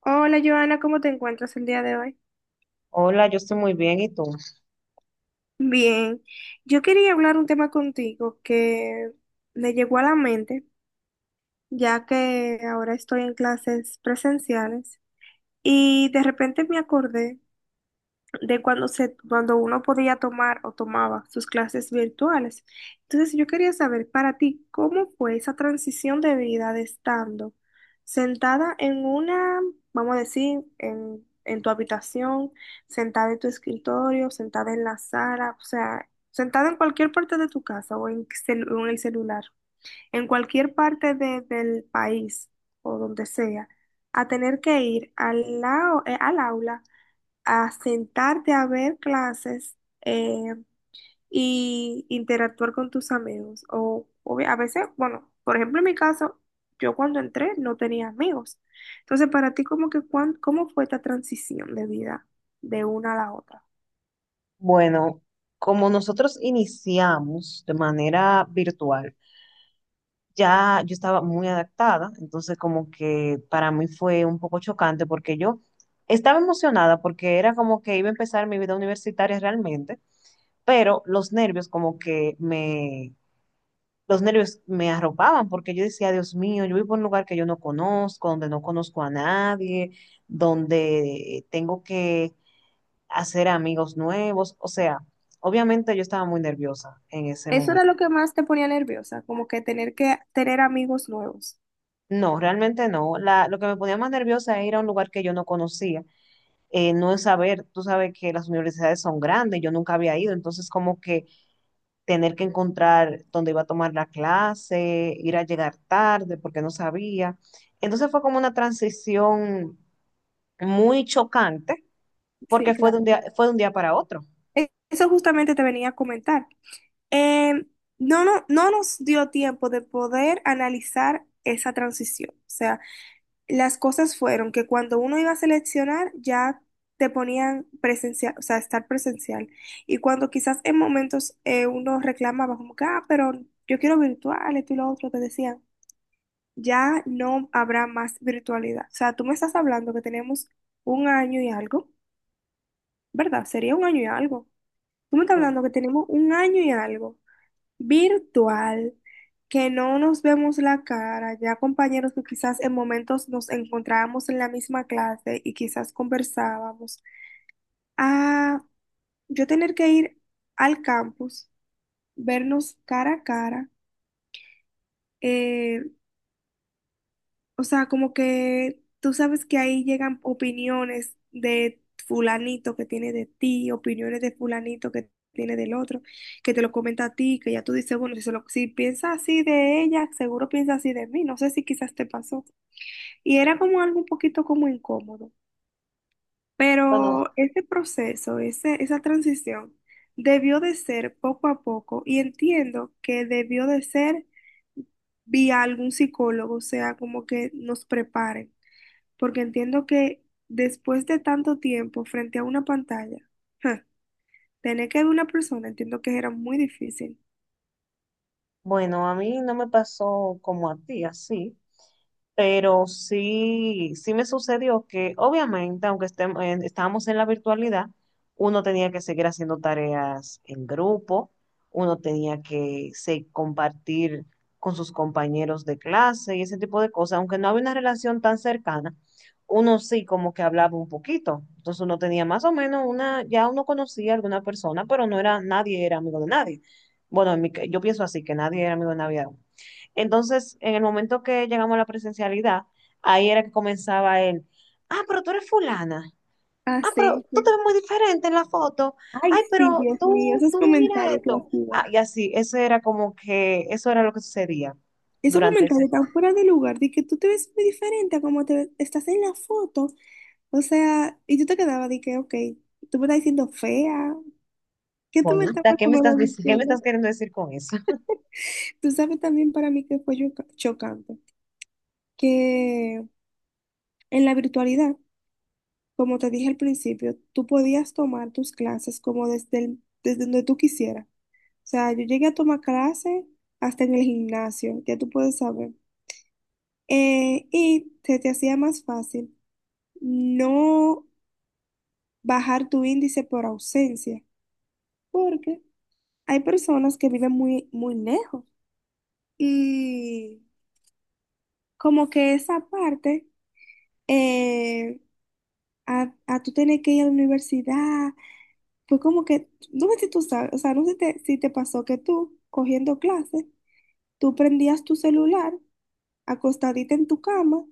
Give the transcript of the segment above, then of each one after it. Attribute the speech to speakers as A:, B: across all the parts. A: Hola Joana, ¿cómo te encuentras el día de hoy?
B: Hola, yo estoy muy bien, ¿y tú?
A: Bien, yo quería hablar un tema contigo que me llegó a la mente, ya que ahora estoy en clases presenciales y de repente me acordé de cuando uno podía tomar o tomaba sus clases virtuales. Entonces, yo quería saber para ti, ¿cómo fue esa transición de vida de estando sentada en una, vamos a decir, en tu habitación, sentada en tu escritorio, sentada en la sala, o sea, sentada en cualquier parte de tu casa o en el celular, en cualquier parte del país o donde sea, a tener que ir al aula a sentarte a ver clases eh, y interactuar con tus amigos. O a veces, bueno, por ejemplo, en mi caso, yo cuando entré no tenía amigos. Entonces, para ti, como que, ¿cómo fue esta transición de vida de una a la otra?
B: Bueno, como nosotros iniciamos de manera virtual, ya yo estaba muy adaptada, entonces como que para mí fue un poco chocante porque yo estaba emocionada porque era como que iba a empezar mi vida universitaria realmente, pero los nervios me arropaban porque yo decía, Dios mío, yo vivo en un lugar que yo no conozco, donde no conozco a nadie, donde tengo que hacer amigos nuevos, o sea, obviamente yo estaba muy nerviosa en ese
A: Eso era
B: momento.
A: lo que más te ponía nerviosa, como que tener amigos nuevos.
B: No, realmente no. Lo que me ponía más nerviosa era ir a un lugar que yo no conocía, no es saber, tú sabes que las universidades son grandes, yo nunca había ido, entonces como que tener que encontrar dónde iba a tomar la clase, ir a llegar tarde porque no sabía. Entonces fue como una transición muy chocante
A: Sí,
B: porque
A: claro.
B: fue de un día para otro.
A: Eso justamente te venía a comentar. Em, no, no, no nos dio tiempo de poder analizar esa transición. O sea, las cosas fueron que cuando uno iba a seleccionar ya te ponían presencial, o sea, estar presencial. Y cuando quizás en momentos uno reclamaba como que, ah, pero yo quiero virtual, esto y lo otro, te decían, ya no habrá más virtualidad. O sea, tú me estás hablando que tenemos un año y algo, ¿verdad? Sería un año y algo. Tú me estás
B: Sí.
A: hablando que tenemos un año y algo virtual, que no nos vemos la cara, ya compañeros que quizás en momentos nos encontrábamos en la misma clase y quizás conversábamos, a yo tener que ir al campus, vernos cara a cara, eh, o sea, como que tú sabes que ahí llegan opiniones de fulanito que tiene de ti, opiniones de fulanito que tiene del otro, que te lo comenta a ti, que ya tú dices, bueno, si piensa así de ella, seguro piensa así de mí, no sé si quizás te pasó. Y era como algo un poquito como incómodo,
B: Bueno,
A: pero ese proceso, esa transición debió de ser poco a poco, y entiendo que debió de ser vía algún psicólogo, o sea, como que nos prepare, porque entiendo que después de tanto tiempo frente a una pantalla, ja, tener que ver una persona, entiendo que era muy difícil.
B: bueno, a mí no me pasó como a ti, así. Pero sí, sí me sucedió que obviamente, estábamos en la virtualidad, uno tenía que seguir haciendo tareas en grupo, uno compartir con sus compañeros de clase y ese tipo de cosas, aunque no había una relación tan cercana, uno sí como que hablaba un poquito. Entonces uno tenía más o menos ya uno conocía a alguna persona, pero no era, nadie era amigo de nadie. Bueno, yo pienso así, que nadie era amigo de nadie. Entonces, en el momento que llegamos a la presencialidad, ahí era que comenzaba él. Ah, pero tú eres fulana.
A: Ah,
B: Ah, pero
A: sí,
B: tú te
A: sí.
B: ves muy diferente en la foto.
A: Ay,
B: Ay,
A: sí,
B: pero
A: Dios mío,
B: tú,
A: esos
B: tú mira
A: comentarios que
B: esto. Ah,
A: hacían.
B: y así, eso era como que, eso era lo que sucedía
A: Esos
B: durante ese
A: comentarios
B: tiempo.
A: tan fuera de lugar, de que tú te ves muy diferente a como estás en la foto. O sea, y tú te quedabas de que, ok, tú me estás diciendo fea. ¿Qué tú me estás
B: Bonita,
A: más
B: ¿qué
A: o
B: me estás
A: menos
B: diciendo? ¿Qué me
A: diciendo?
B: estás queriendo decir con eso?
A: Tú sabes también para mí que fue chocante, que en la virtualidad. Como te dije al principio, tú podías tomar tus clases como desde donde tú quisieras. O sea, yo llegué a tomar clases hasta en el gimnasio, ya tú puedes saber. Y se te hacía más fácil no bajar tu índice por ausencia, porque hay personas que viven muy, muy lejos, y como que esa parte, eh, a tú tener que ir a la universidad. Fue como que, no sé si tú sabes, o sea, no sé si te pasó que tú, cogiendo clases, tú prendías tu celular, acostadita en tu cama,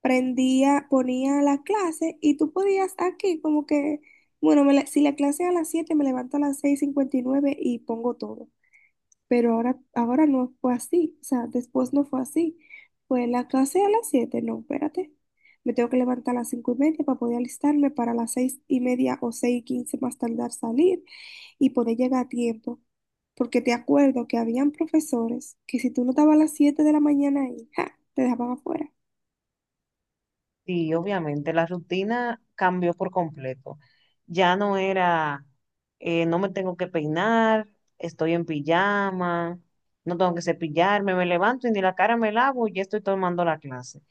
A: prendía, ponía la clase, y tú podías aquí como que, bueno, si la clase es a las 7:00 me levanto a las 6:59 y pongo todo, pero ahora no fue así, o sea, después no fue así. Fue la clase a las 7:00, no, espérate. Me tengo que levantar a las 5:30 para poder alistarme para las 6:30 o 6:15 más tardar, salir y poder llegar a tiempo. Porque te acuerdo que habían profesores que si tú no estabas a las 7:00 de la mañana ahí, ¡ja! Te dejaban afuera.
B: Sí, obviamente, la rutina cambió por completo. Ya no era, no me tengo que peinar, estoy en pijama, no tengo que cepillarme, me levanto y ni la cara me lavo y ya estoy tomando la clase,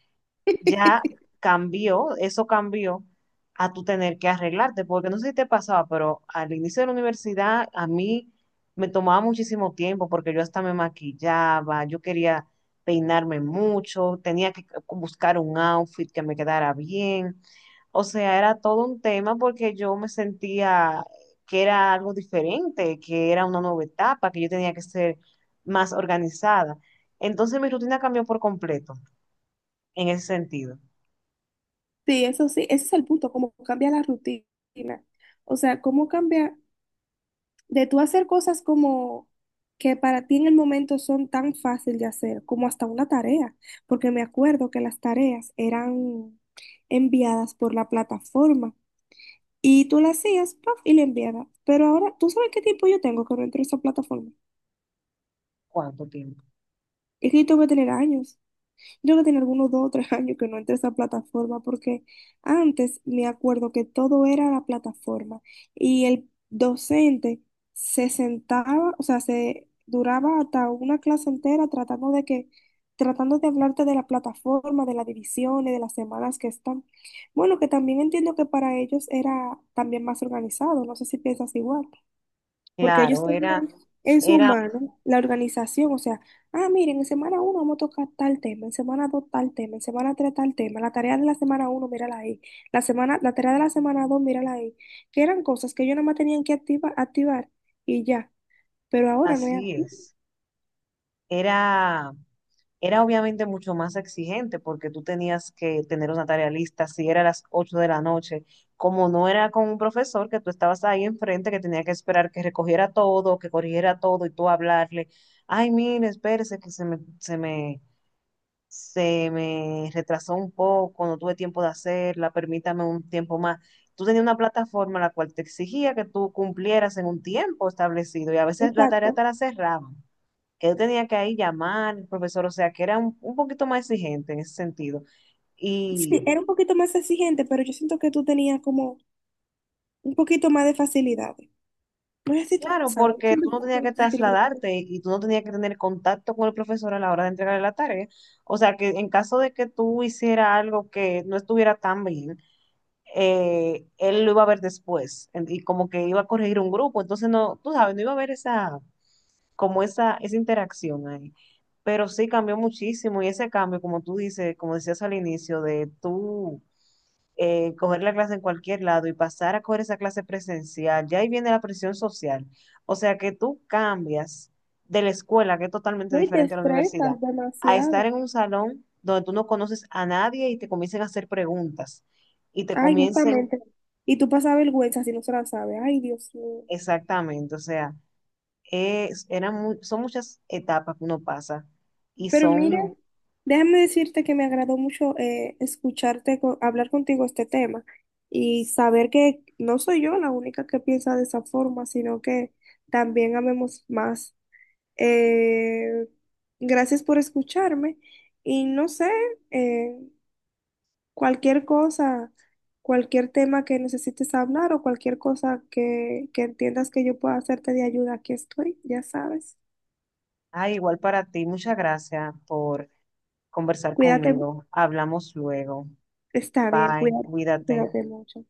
B: ya cambió, eso cambió a tú tener que arreglarte, porque no sé si te pasaba, pero al inicio de la universidad a mí me tomaba muchísimo tiempo porque yo hasta me maquillaba, yo quería peinarme mucho, tenía que buscar un outfit que me quedara bien. O sea, era todo un tema porque yo me sentía que era algo diferente, que era una nueva etapa, que yo tenía que ser más organizada. Entonces mi rutina cambió por completo en ese sentido.
A: Sí, eso sí, ese es el punto, cómo cambia la rutina. O sea, cómo cambia de tú hacer cosas como que para ti en el momento son tan fácil de hacer, como hasta una tarea, porque me acuerdo que las tareas eran enviadas por la plataforma y tú las hacías, ¡paf! Y la enviabas. Pero ahora, ¿tú sabes qué tiempo yo tengo que no entro a esa plataforma?
B: ¿Cuánto tiempo?
A: Es que yo tengo que tener años. Yo que tenía algunos 2 o 3 años que no entré a esa plataforma, porque antes me acuerdo que todo era la plataforma, y el docente se sentaba, o sea, se duraba hasta una clase entera tratando de hablarte de la plataforma, de las divisiones, de las semanas que están. Bueno, que también entiendo que para ellos era también más organizado, no sé si piensas igual, porque ellos
B: Claro,
A: tenían en su
B: era,
A: mano la organización, o sea, ah, miren, en semana uno vamos a tocar tal tema, en semana 2 tal tema, en semana 3 tal tema, la tarea de la semana 1, mírala ahí, la tarea de la semana 2, mírala ahí, que eran cosas que ellos nada más tenían que activar y ya, pero ahora no es
B: así
A: así.
B: es. Era, era obviamente mucho más exigente porque tú tenías que tener una tarea lista, si era a las 8 de la noche, como no era con un profesor que tú estabas ahí enfrente, que tenía que esperar que recogiera todo, que corrigiera todo y tú hablarle, ay, mire, espérese que se me retrasó un poco, no tuve tiempo de hacerla, permítame un tiempo más. Tú tenías una plataforma la cual te exigía que tú cumplieras en un tiempo establecido y a veces la tarea
A: Exacto.
B: te la cerraban, que yo tenía que ahí llamar al profesor, o sea, que era un poquito más exigente en ese sentido.
A: Sí,
B: Y
A: era un poquito más exigente, pero yo siento que tú tenías como un poquito más de facilidades. No sé si te
B: claro,
A: pasa, yo
B: porque tú no
A: siento que
B: tenías que
A: la tienes.
B: trasladarte y tú no tenías que tener contacto con el profesor a la hora de entregarle la tarea. O sea, que en caso de que tú hicieras algo que no estuviera tan bien, él lo iba a ver y como que iba a corregir un grupo, entonces no, tú sabes, no iba a haber esa, esa interacción ahí. Pero sí cambió muchísimo y ese cambio, como tú dices, como decías al inicio, de tú coger la clase en cualquier lado y pasar a coger esa clase presencial, ya ahí viene la presión social. O sea que tú cambias de la escuela, que es totalmente
A: No, y te
B: diferente a la universidad,
A: estresas
B: a estar
A: demasiado.
B: en un salón donde tú no conoces a nadie y te comiencen a hacer preguntas y te
A: Ay,
B: comiencen.
A: justamente. Y tú pasas vergüenza si no se la sabes. Ay, Dios mío.
B: Exactamente, o sea, es, son muchas etapas que uno pasa y
A: Pero mire,
B: son,
A: déjame decirte que me agradó mucho escucharte, hablar contigo este tema, y saber que no soy yo la única que piensa de esa forma, sino que también amemos más. Eh, gracias por escucharme, y no sé, eh, cualquier cosa, cualquier tema que necesites hablar, o cualquier cosa que entiendas que yo pueda hacerte de ayuda, aquí estoy, ya sabes.
B: ah, igual para ti, muchas gracias por conversar
A: Cuídate,
B: conmigo. Hablamos luego.
A: está bien,
B: Bye,
A: cuídate,
B: cuídate.
A: cuídate mucho.